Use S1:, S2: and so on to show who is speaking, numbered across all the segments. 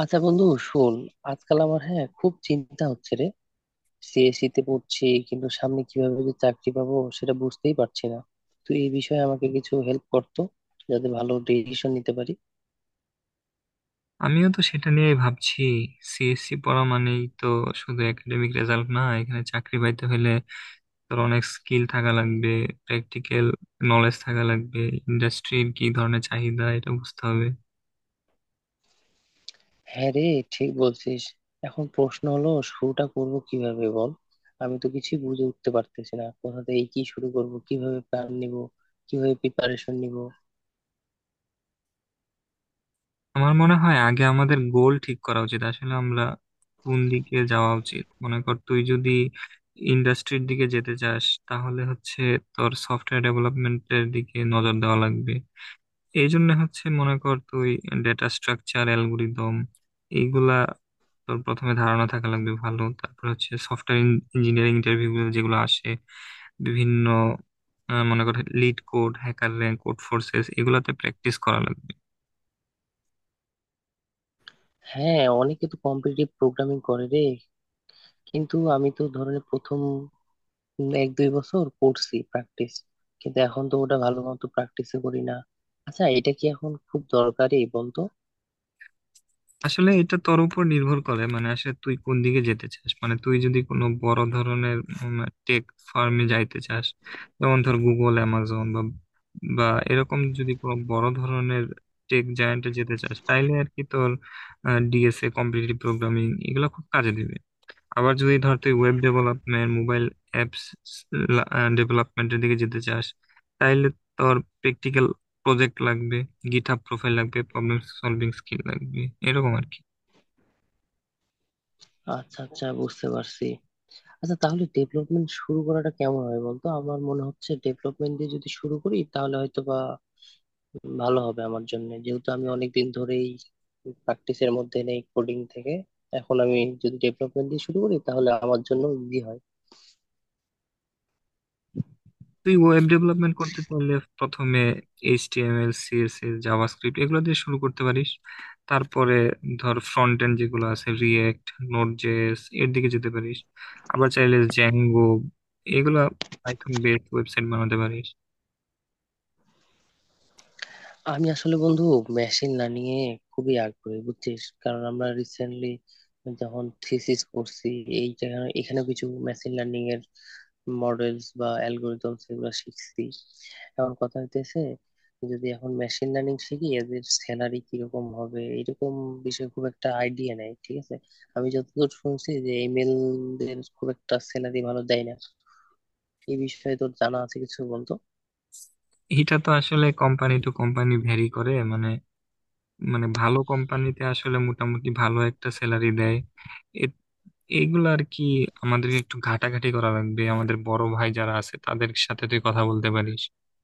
S1: আচ্ছা বন্ধু, শোন। আজকাল আমার, হ্যাঁ, খুব চিন্তা হচ্ছে রে। সিএসসি তে পড়ছি, কিন্তু সামনে কিভাবে যে চাকরি পাবো সেটা বুঝতেই পারছি না। তুই এই বিষয়ে আমাকে কিছু হেল্প করতো, যাতে ভালো ডিসিশন নিতে পারি।
S2: আমিও তো সেটা নিয়েই ভাবছি। সিএসসি পড়া মানেই তো শুধু একাডেমিক রেজাল্ট না, এখানে চাকরি পাইতে হলে তোর অনেক স্কিল থাকা লাগবে, প্র্যাকটিক্যাল নলেজ থাকা লাগবে, ইন্ডাস্ট্রির কি ধরনের চাহিদা এটা বুঝতে হবে।
S1: হ্যাঁ রে, ঠিক বলছিস। এখন প্রশ্ন হলো, শুরুটা করব কিভাবে বল? আমি তো কিছুই বুঝে উঠতে পারতেছি না কোথা থেকে কি শুরু করব, কিভাবে প্ল্যান নিব, কিভাবে প্রিপারেশন নিব।
S2: আমার মনে হয় আগে আমাদের গোল ঠিক করা উচিত, আসলে আমরা কোন দিকে যাওয়া উচিত। মনে কর তুই যদি ইন্ডাস্ট্রির দিকে যেতে চাস তাহলে হচ্ছে তোর সফটওয়্যার ডেভেলপমেন্টের দিকে নজর দেওয়া লাগবে। এই জন্য হচ্ছে মনে কর তুই ডেটা স্ট্রাকচার, অ্যালগোরিদম এইগুলা তোর প্রথমে ধারণা থাকা লাগবে ভালো। তারপর হচ্ছে সফটওয়্যার ইঞ্জিনিয়ারিং ইন্টারভিউ যেগুলো আসে বিভিন্ন, মনে কর LeetCode, HackerRank, Codeforces এগুলাতে প্র্যাকটিস করা লাগবে।
S1: হ্যাঁ, অনেকে তো কম্পিটিটিভ প্রোগ্রামিং করে রে, কিন্তু আমি তো ধরনের প্রথম 1-2 বছর করছি প্র্যাকটিস, কিন্তু এখন তো ওটা ভালো মতো প্র্যাকটিস করি না। আচ্ছা, এটা কি এখন খুব দরকারি বলতো?
S2: আসলে এটা তোর উপর নির্ভর করে, মানে আসলে তুই কোন দিকে যেতে চাস। মানে তুই যদি কোনো বড় ধরনের টেক ফার্মে যাইতে চাস, যেমন ধর গুগল, অ্যামাজন বা বা এরকম যদি কোনো বড় ধরনের টেক জায়ান্টে যেতে চাস, তাইলে আর কি তোর ডিএসএ, কম্পিটিটিভ প্রোগ্রামিং এগুলো খুব কাজে দিবে। আবার যদি ধর তুই ওয়েব ডেভেলপমেন্ট, মোবাইল অ্যাপস ডেভেলপমেন্টের দিকে যেতে চাস, তাইলে তোর প্র্যাকটিক্যাল প্রজেক্ট লাগবে, গিটহাব প্রোফাইল লাগবে, প্রবলেম সলভিং স্কিল লাগবে, এরকম আর কি।
S1: আচ্ছা আচ্ছা, বুঝতে পারছি। আচ্ছা, তাহলে ডেভেলপমেন্ট শুরু করাটা কেমন হয় বলতো? আমার মনে হচ্ছে ডেভেলপমেন্ট দিয়ে যদি শুরু করি তাহলে হয়তো বা ভালো হবে আমার জন্য, যেহেতু আমি অনেকদিন ধরেই প্র্যাকটিসের মধ্যে নেই কোডিং থেকে। এখন আমি যদি ডেভেলপমেন্ট দিয়ে শুরু করি তাহলে আমার জন্য ইজি হয়।
S2: তুই ওয়েব ডেভেলপমেন্ট করতে চাইলে প্রথমে এইচটিএমএল, সিএসএস, জাভাস্ক্রিপ্ট এগুলো দিয়ে শুরু করতে পারিস। তারপরে ধর ফ্রন্ট এন্ড যেগুলো আছে, রিয়েক্ট, নোড জেএস এর দিকে যেতে পারিস। আবার চাইলে জ্যাঙ্গো এগুলা পাইথন বেসড ওয়েবসাইট বানাতে পারিস।
S1: আমি আসলে বন্ধু মেশিন লার্নিং এ খুবই আগ্রহী, বুঝছিস? কারণ আমরা রিসেন্টলি যখন থিসিস করছি, এখানে কিছু মেশিন লার্নিং এর মডেলস বা অ্যালগোরিদম সেগুলো শিখছি। এখন কথা হইতেছে, যদি এখন মেশিন লার্নিং শিখি, এদের স্যালারি কিরকম হবে এরকম বিষয়ে খুব একটা আইডিয়া নেই, ঠিক আছে? আমি যতদূর শুনছি যে এমএল দের খুব একটা স্যালারি ভালো দেয় না। এই বিষয়ে তোর জানা আছে কিছু, বলতো?
S2: এটা তো আসলে কোম্পানি টু কোম্পানি ভ্যারি করে, মানে মানে ভালো কোম্পানিতে আসলে মোটামুটি ভালো একটা স্যালারি দেয় এইগুলো আর কি। আমাদের একটু ঘাটাঘাটি করা লাগবে, আমাদের বড় ভাই যারা আছে তাদের সাথে তুই কথা বলতে পারিস।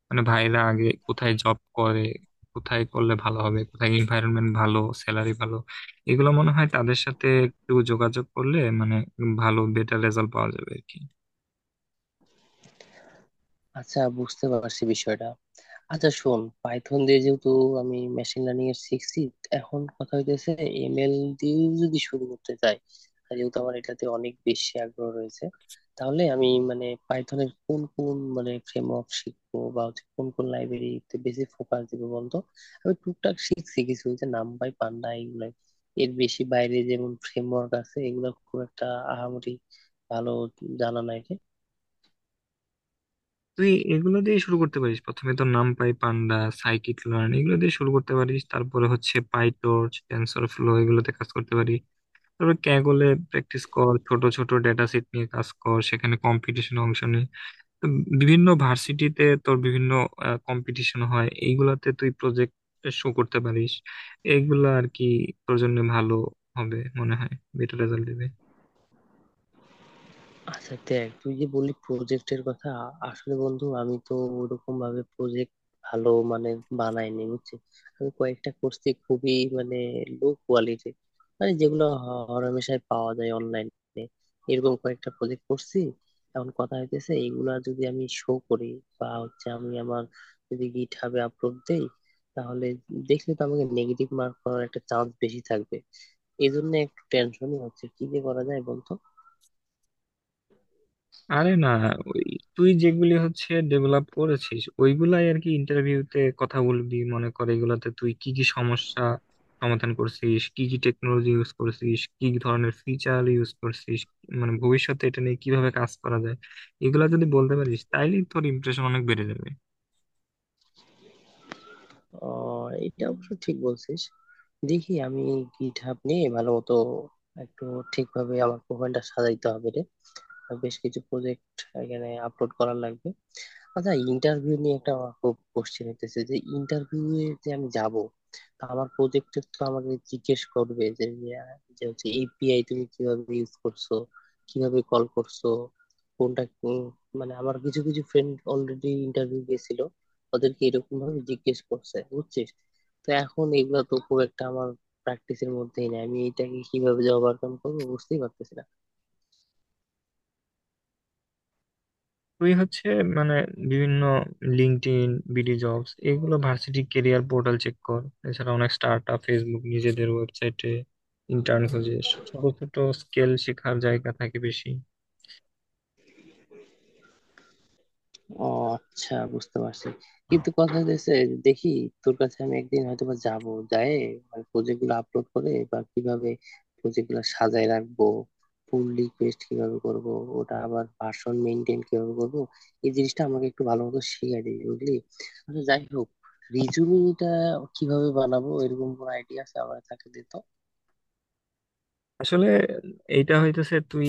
S2: মানে ভাইরা আগে কোথায় জব করে, কোথায় করলে ভালো হবে, কোথায় এনভায়রনমেন্ট ভালো, স্যালারি ভালো, এগুলো মনে হয় তাদের সাথে একটু যোগাযোগ করলে মানে ভালো বেটার রেজাল্ট পাওয়া যাবে আর কি।
S1: আচ্ছা, বুঝতে পারছি বিষয়টা। আচ্ছা শোন, পাইথন দিয়ে যেহেতু আমি মেশিন লার্নিং এর শিখছি, এখন কথা হইতেছে এমএল দিয়েও যদি শুরু করতে চাই, আর যেহেতু আমার এটাতে অনেক বেশি আগ্রহ রয়েছে, তাহলে আমি মানে পাইথনের কোন কোন মানে ফ্রেমওয়ার্ক শিখবো, বা হচ্ছে কোন কোন লাইব্রেরিতে বেশি ফোকাস দিব বলতো? আমি টুকটাক শিখছি কিছু, যে নামপাই পান্ডা এগুলো। এর বেশি বাইরে যেমন ফ্রেমওয়ার্ক আছে, এগুলো খুব একটা আহামরি ভালো জানা নাই।
S2: তুই এগুলো দিয়ে শুরু করতে পারিস, প্রথমে তো নামপাই, পান্ডা, সাইকিট লার্ন এগুলো দিয়ে শুরু করতে পারিস। তারপরে হচ্ছে পাইটর্চ, টেনসর ফ্লো এগুলোতে কাজ করতে পারিস। তবে ক্যাগলে প্র্যাকটিস কর, ছোট ছোট ডেটা সেট নিয়ে কাজ কর, সেখানে কম্পিটিশনে অংশ নে। তো বিভিন্ন ভার্সিটিতে তোর বিভিন্ন কম্পিটিশন হয়, এইগুলাতে তুই প্রজেক্ট শো করতে পারিস, এইগুলা আর কি তোর জন্য ভালো হবে মনে হয়, বেটার রেজাল্ট দিবে।
S1: আচ্ছা দেখ, তুই যে বললি প্রজেক্টের কথা, আসলে বন্ধু আমি তো ওরকম ভাবে প্রজেক্ট ভালো মানে বানাইনি, বুঝছিস? আমি কয়েকটা করছি খুবই মানে লো কোয়ালিটি, মানে যেগুলো হরহামেশাই পাওয়া যায় অনলাইনে, এরকম কয়েকটা প্রজেক্ট করছি। এখন কথা হইতেছে, এগুলা যদি আমি শো করি বা হচ্ছে আমি আমার যদি গিট হাবে আপলোড দেই, তাহলে দেখলে তো আমাকে নেগেটিভ মার্ক করার একটা চান্স বেশি থাকবে। এই জন্য একটু টেনশনই হচ্ছে, কি যে করা যায় বলতো?
S2: আরে না, ওই তুই যেগুলি হচ্ছে ডেভেলপ করেছিস ওইগুলাই আর কি ইন্টারভিউতে কথা বলবি। মনে কর এগুলাতে তুই কি কি সমস্যা সমাধান করছিস, কি কি টেকনোলজি ইউজ করছিস, কি কি ধরনের ফিচার ইউজ করছিস, মানে ভবিষ্যতে এটা নিয়ে কিভাবে কাজ করা যায়, এগুলা যদি বলতে পারিস তাইলে তোর ইমপ্রেশন অনেক বেড়ে যাবে।
S1: আহ, এটা অবশ্য ঠিক বলছিস। দেখি আমি গিট হাব নিয়ে ভালো মতো একটু ঠিকভাবে আমার প্রোফাইলটা সাজাইতে হবে রে। বেশ কিছু প্রজেক্ট এখানে আপলোড করার লাগবে। আচ্ছা, ইন্টারভিউ নিয়ে একটা আমার খুব কোশ্চেন হইতেছে, যে ইন্টারভিউ এ যে আমি যাব, তা আমার প্রজেক্টে তো আমাকে জিজ্ঞেস করবে যে, যে হচ্ছে এপিআই তুমি কিভাবে ইউজ করছো, কিভাবে কল করছো, কোনটা কোন- মানে আমার কিছু কিছু ফ্রেন্ড অলরেডি ইন্টারভিউ গেছিল, ওদেরকে এরকম ভাবে জিজ্ঞেস করছে, বুঝছিস? তো এখন এগুলা তো খুব একটা আমার প্র্যাকটিসের মধ্যেই নেই। আমি এটাকে কিভাবে যে ওভারকাম করবো বুঝতেই পারতেছি না।
S2: তুই হচ্ছে মানে বিভিন্ন লিঙ্কডইন, বিডি জবস এগুলো, ভার্সিটি কেরিয়ার পোর্টাল চেক কর। এছাড়া অনেক স্টার্ট আপ, ফেসবুক নিজেদের ওয়েবসাইটে ইন্টার্ন খোঁজে, ছোট ছোট স্কেল, শেখার জায়গা থাকে বেশি।
S1: ও আচ্ছা, বুঝতে পারছি। কিন্তু কথা হচ্ছে, দেখি তোর কাছে আমি একদিন হয়তো বা যাবো, যায় মানে প্রজেক্ট গুলো আপলোড করে বা কিভাবে প্রজেক্ট গুলো সাজায় রাখবো, পুল রিকোয়েস্ট কিভাবে করব, ওটা আবার ভার্সন মেনটেন কিভাবে করব, এই জিনিসটা আমাকে একটু ভালো মতো শিখিয়ে দিবি, বুঝলি? আচ্ছা, যাই হোক, রিজুমিটা কিভাবে বানাবো এরকম কোনো আইডিয়া আছে আমার তাকে দে তো।
S2: আসলে এইটা হইতেছে তুই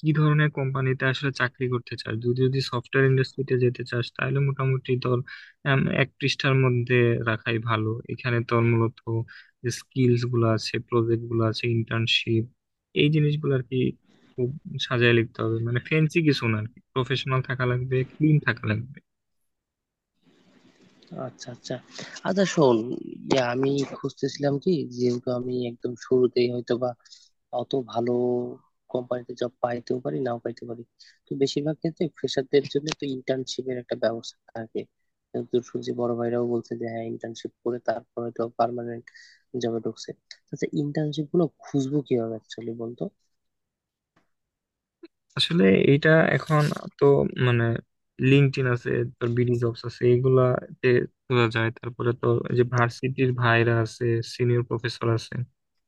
S2: কি ধরনের কোম্পানিতে আসলে চাকরি করতে চাস। তুই যদি সফটওয়্যার ইন্ডাস্ট্রিতে যেতে চাস তাহলে মোটামুটি তোর এক পৃষ্ঠার মধ্যে রাখাই ভালো। এখানে তোর মূলত যে স্কিলস গুলো আছে, প্রজেক্ট গুলো আছে, ইন্টার্নশিপ, এই জিনিসগুলো আর কি খুব সাজায় লিখতে হবে। মানে ফেন্সি কিছু না আর কি, প্রফেশনাল থাকা লাগবে, ক্লিন থাকা লাগবে।
S1: আচ্ছা আচ্ছা। আচ্ছা শোন, আমি খুঁজতেছিলাম, কি যেহেতু আমি একদম শুরুতেই হয়তো বা অত ভালো কোম্পানিতে জব পাইতেও পারি নাও পাইতে পারি। তো বেশিরভাগ ক্ষেত্রে ফ্রেশারদের জন্য তো ইন্টার্নশিপের একটা ব্যবস্থা থাকে, কিন্তু শুনছি বড় ভাইরাও বলছে যে হ্যাঁ, ইন্টার্নশিপ করে তারপরে তো পার্মানেন্ট জবে ঢুকছে। আচ্ছা, ইন্টার্নশিপ গুলো খুঁজবো কিভাবে অ্যাকচুয়ালি বলতো?
S2: আসলে এইটা এখন তো মানে লিঙ্কডইন আছে, তোর বিডি জবস আছে, এগুলাতে খোঁজা যায়। তারপরে তো এই যে ভার্সিটির ভাইরা আছে, সিনিয়র প্রফেসর আছে,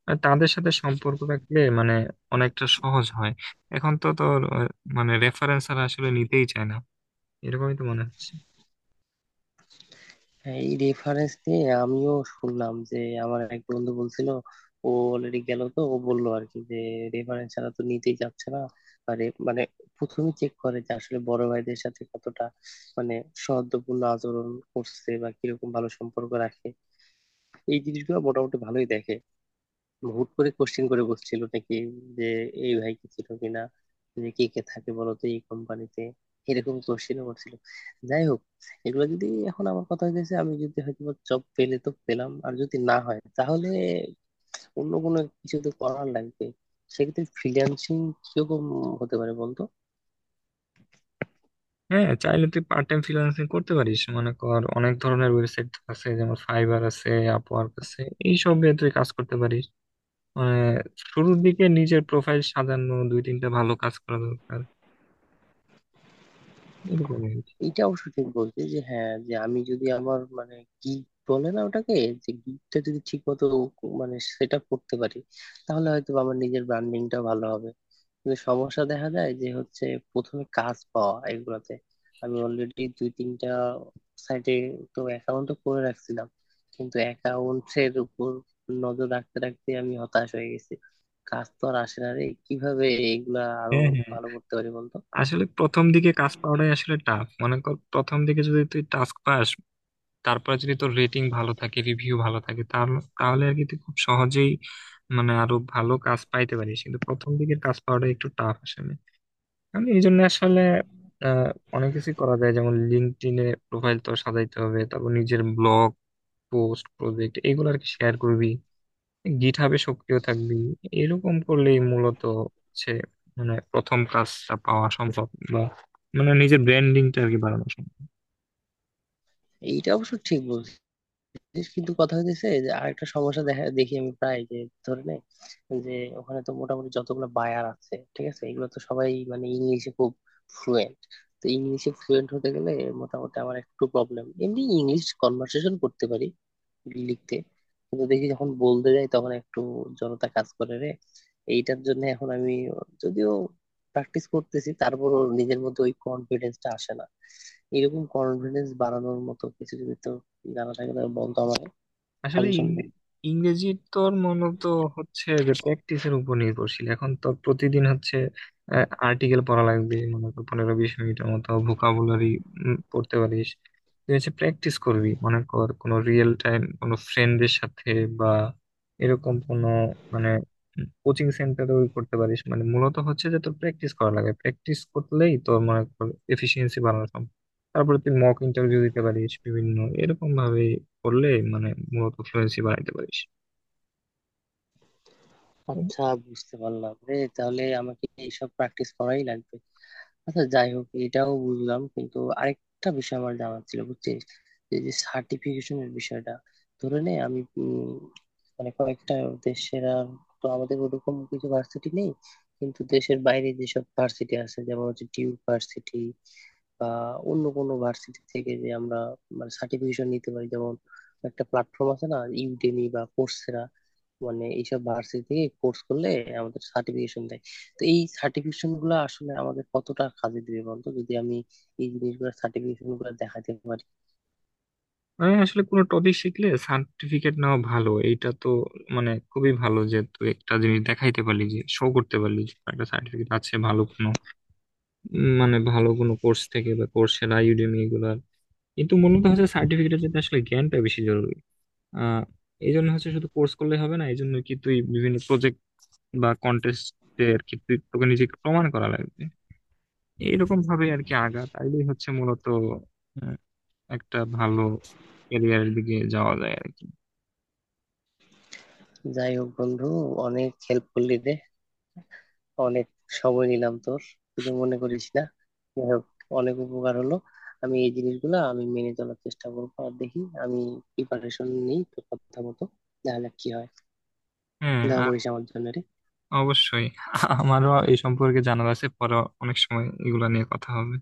S2: আর তাদের সাথে সম্পর্ক রাখলে মানে অনেকটা সহজ হয়। এখন তো তোর মানে রেফারেন্স আর আসলে নিতেই চায় না, এরকমই তো মনে হচ্ছে।
S1: হ্যাঁ, এই রেফারেন্স নিয়ে আমিও শুনলাম যে আমার এক বন্ধু বলছিল, ও অলরেডি গেল তো ও বললো আর কি যে রেফারেন্স ছাড়া তো নিতেই যাচ্ছে না। আরে মানে প্রথমে চেক করে যে আসলে বড় ভাইদের সাথে কতটা মানে সৌহার্দ্যপূর্ণ আচরণ করছে, বা কিরকম ভালো সম্পর্ক রাখে, এই জিনিসগুলো মোটামুটি ভালোই দেখে। মানে হুট করে কোশ্চেন করে বসছিল নাকি যে এই ভাই কি ছিল কিনা, যে কে কে থাকে বলতো এই কোম্পানিতে, এরকম কোশ্চেন করছিল। যাই হোক, এগুলো যদি এখন আমার কথা হয়েছে, আমি যদি হয়তো জব পেলে তো পেলাম, আর যদি না হয় তাহলে অন্য কোনো কিছু তো করার লাগবে। সেক্ষেত্রে ফ্রিল্যান্সিং কিরকম হতে পারে বলতো?
S2: হ্যাঁ, চাইলে তুই পার্ট টাইম ফ্রিল্যান্সিং করতে পারিস। মনে কর অনেক ধরনের ওয়েবসাইট আছে, যেমন ফাইবার আছে, আপওয়ার্ক আছে, এইসব তুই কাজ করতে পারিস। মানে শুরুর দিকে নিজের প্রোফাইল সাজানো, 2-3টা ভালো কাজ করা দরকার, এরকমই আর কি।
S1: এটা অবশ্য ঠিক বলছি যে হ্যাঁ, যে আমি যদি আমার মানে কি বলে না ওটাকে, যে গিগটা যদি ঠিক মতো মানে সেট আপ করতে পারি তাহলে হয়তো আমার নিজের ব্র্যান্ডিংটা ভালো হবে। কিন্তু সমস্যা দেখা যায় যে হচ্ছে প্রথমে কাজ পাওয়া এগুলাতে। আমি অলরেডি 2-3টা সাইটে তো অ্যাকাউন্ট করে রাখছিলাম, কিন্তু অ্যাকাউন্টের উপর নজর রাখতে রাখতে আমি হতাশ হয়ে গেছি। কাজ তো আর আসে না রে। কিভাবে এগুলা আরো
S2: হ্যাঁ, হ্যাঁ।
S1: ভালো করতে পারি বলতো?
S2: আসলে প্রথম দিকে কাজ পাওয়াটাই আসলে টাফ। মনে কর প্রথম দিকে যদি তুই টাস্ক পাস, তারপরে যদি তোর রেটিং ভালো থাকে, রিভিউ ভালো থাকে, তাহলে তাহলে আর কি তুই খুব সহজেই মানে আরো ভালো কাজ পাইতে পারিস। কিন্তু প্রথম দিকের কাজ পাওয়াটা একটু টাফ আসলে। কারণ এই জন্য আসলে আহ অনেক কিছু করা যায়, যেমন লিঙ্কডইনে প্রোফাইল তো সাজাইতে হবে, তারপর নিজের ব্লগ পোস্ট, প্রজেক্ট এগুলো আর কি শেয়ার করবি, গিটহাবে সক্রিয় থাকবি। এরকম করলেই মূলত হচ্ছে মানে প্রথম কাজটা পাওয়া সম্ভব, বা মানে নিজের ব্র্যান্ডিংটা আর কি বাড়ানো সম্ভব।
S1: এইটা অবশ্য ঠিক বলছো, যে কিন্তু কথা হইতেছে যে আরেকটা সমস্যা দেখা, দেখি আমি প্রায় যে ধরে নে যে ওখানে তো মোটামুটি যতগুলো বায়ার আছে ঠিক আছে, এগুলো তো সবাই মানে ইংলিশে খুব ফ্লুয়েন্ট। তো ইংলিশে ফ্লুয়েন্ট হতে গেলে মোটামুটি আমার একটু প্রবলেম। এমনি ইংলিশ কনভার্সেশন করতে পারি, লিখতে, কিন্তু দেখি যখন বলতে যাই তখন একটু জড়তা কাজ করে রে। এইটার জন্য এখন আমি যদিও প্র্যাকটিস করতেছি, তারপরও নিজের মধ্যে ওই কনফিডেন্সটা আসে না। এরকম কনফিডেন্স বাড়ানোর মতো কিছু যদি তো জানা থাকলে বলতো আমাকে,
S2: আসলে
S1: সাজেশন দে।
S2: ইংরেজি তোর মূলত হচ্ছে যে প্র্যাকটিসের উপর নির্ভরশীল। এখন তো প্রতিদিন হচ্ছে আর্টিকেল পড়া লাগবে, মনে কর 15-20 মিনিটের মতো ভোকাবুলারি পড়তে পারিস। তুই হচ্ছে প্র্যাকটিস করবি, মনে কর কোনো রিয়েল টাইম কোনো ফ্রেন্ডের সাথে বা এরকম কোনো মানে কোচিং সেন্টারেও করতে পারিস। মানে মূলত হচ্ছে যে তোর প্র্যাকটিস করা লাগে, প্র্যাকটিস করলেই তোর মনে কর এফিসিয়েন্সি বাড়ানো সম্ভব। তারপরে তুই মক ইন্টারভিউ দিতে পারিস বিভিন্ন, এরকম ভাবে করলে মানে মূলত ফ্লুয়েন্সি বানাইতে পারিস।
S1: আচ্ছা, বুঝতে পারলাম রে, তাহলে আমাকে এইসব প্র্যাকটিস করাই লাগবে। আচ্ছা যাই হোক, এটাও বুঝলাম, কিন্তু আরেকটা বিষয় আমার জানার ছিল, বুঝছিস, এই যে সার্টিফিকেশনের বিষয়টা। ধরে নে আমি মানে কয়েকটা দেশের আর তো আমাদের ওরকম কিছু ভার্সিটি নেই, কিন্তু দেশের বাইরে যেসব ভার্সিটি আছে যেমন হচ্ছে ডিউক ভার্সিটি বা অন্য কোনো ভার্সিটি থেকে যে আমরা মানে সার্টিফিকেশন নিতে পারি। যেমন একটা প্ল্যাটফর্ম আছে না, ইউডেমি বা কোর্সেরা, মানে এইসব ভার্সিটি থেকে কোর্স করলে আমাদের সার্টিফিকেশন দেয়। তো এই সার্টিফিকেশন গুলো আসলে আমাদের কতটা কাজে দিবে বন্ধু, যদি আমি এই জিনিসগুলো সার্টিফিকেশন গুলো দেখাতে পারি?
S2: মানে আসলে কোনো টপিক শিখলে সার্টিফিকেট নেওয়া ভালো, এইটা তো মানে খুবই ভালো যে তুই একটা জিনিস দেখাইতে পারলি, যে শো করতে পারলি যে তোর একটা সার্টিফিকেট আছে ভালো কোনো মানে ভালো কোনো কোর্স থেকে, বা কোর্সেরা, ইউডেমি এগুলার। কিন্তু মূলত হচ্ছে সার্টিফিকেটের জন্য আসলে জ্ঞানটা বেশি জরুরি। আহ এই জন্য হচ্ছে শুধু কোর্স করলে হবে না, এই জন্য কি তুই বিভিন্ন প্রজেক্ট বা কন্টেস্টে আর কি তুই তোকে নিজেকে প্রমাণ করা লাগবে। এইরকম ভাবে আর কি আগা, তাইলেই হচ্ছে মূলত একটা ভালো ক্যারিয়ারের দিকে যাওয়া যায় আর কি।
S1: যাই হোক বন্ধু, অনেক হেল্প করলি রে, অনেক সময় নিলাম তোর, কিছু মনে করিস না। যাই হোক, অনেক উপকার হলো। আমি এই জিনিসগুলো আমি মেনে চলার চেষ্টা করবো, আর দেখি আমি প্রিপারেশন নিই তোর কথা মতো। দেখা যাক কি হয়।
S2: হ্যাঁ,
S1: দেখা
S2: আর
S1: করিস আমার জন্য রে।
S2: অবশ্যই আমারও এই সম্পর্কে জানার আছে। পরে অনেক সময় এগুলা নিয়ে কথা হবে।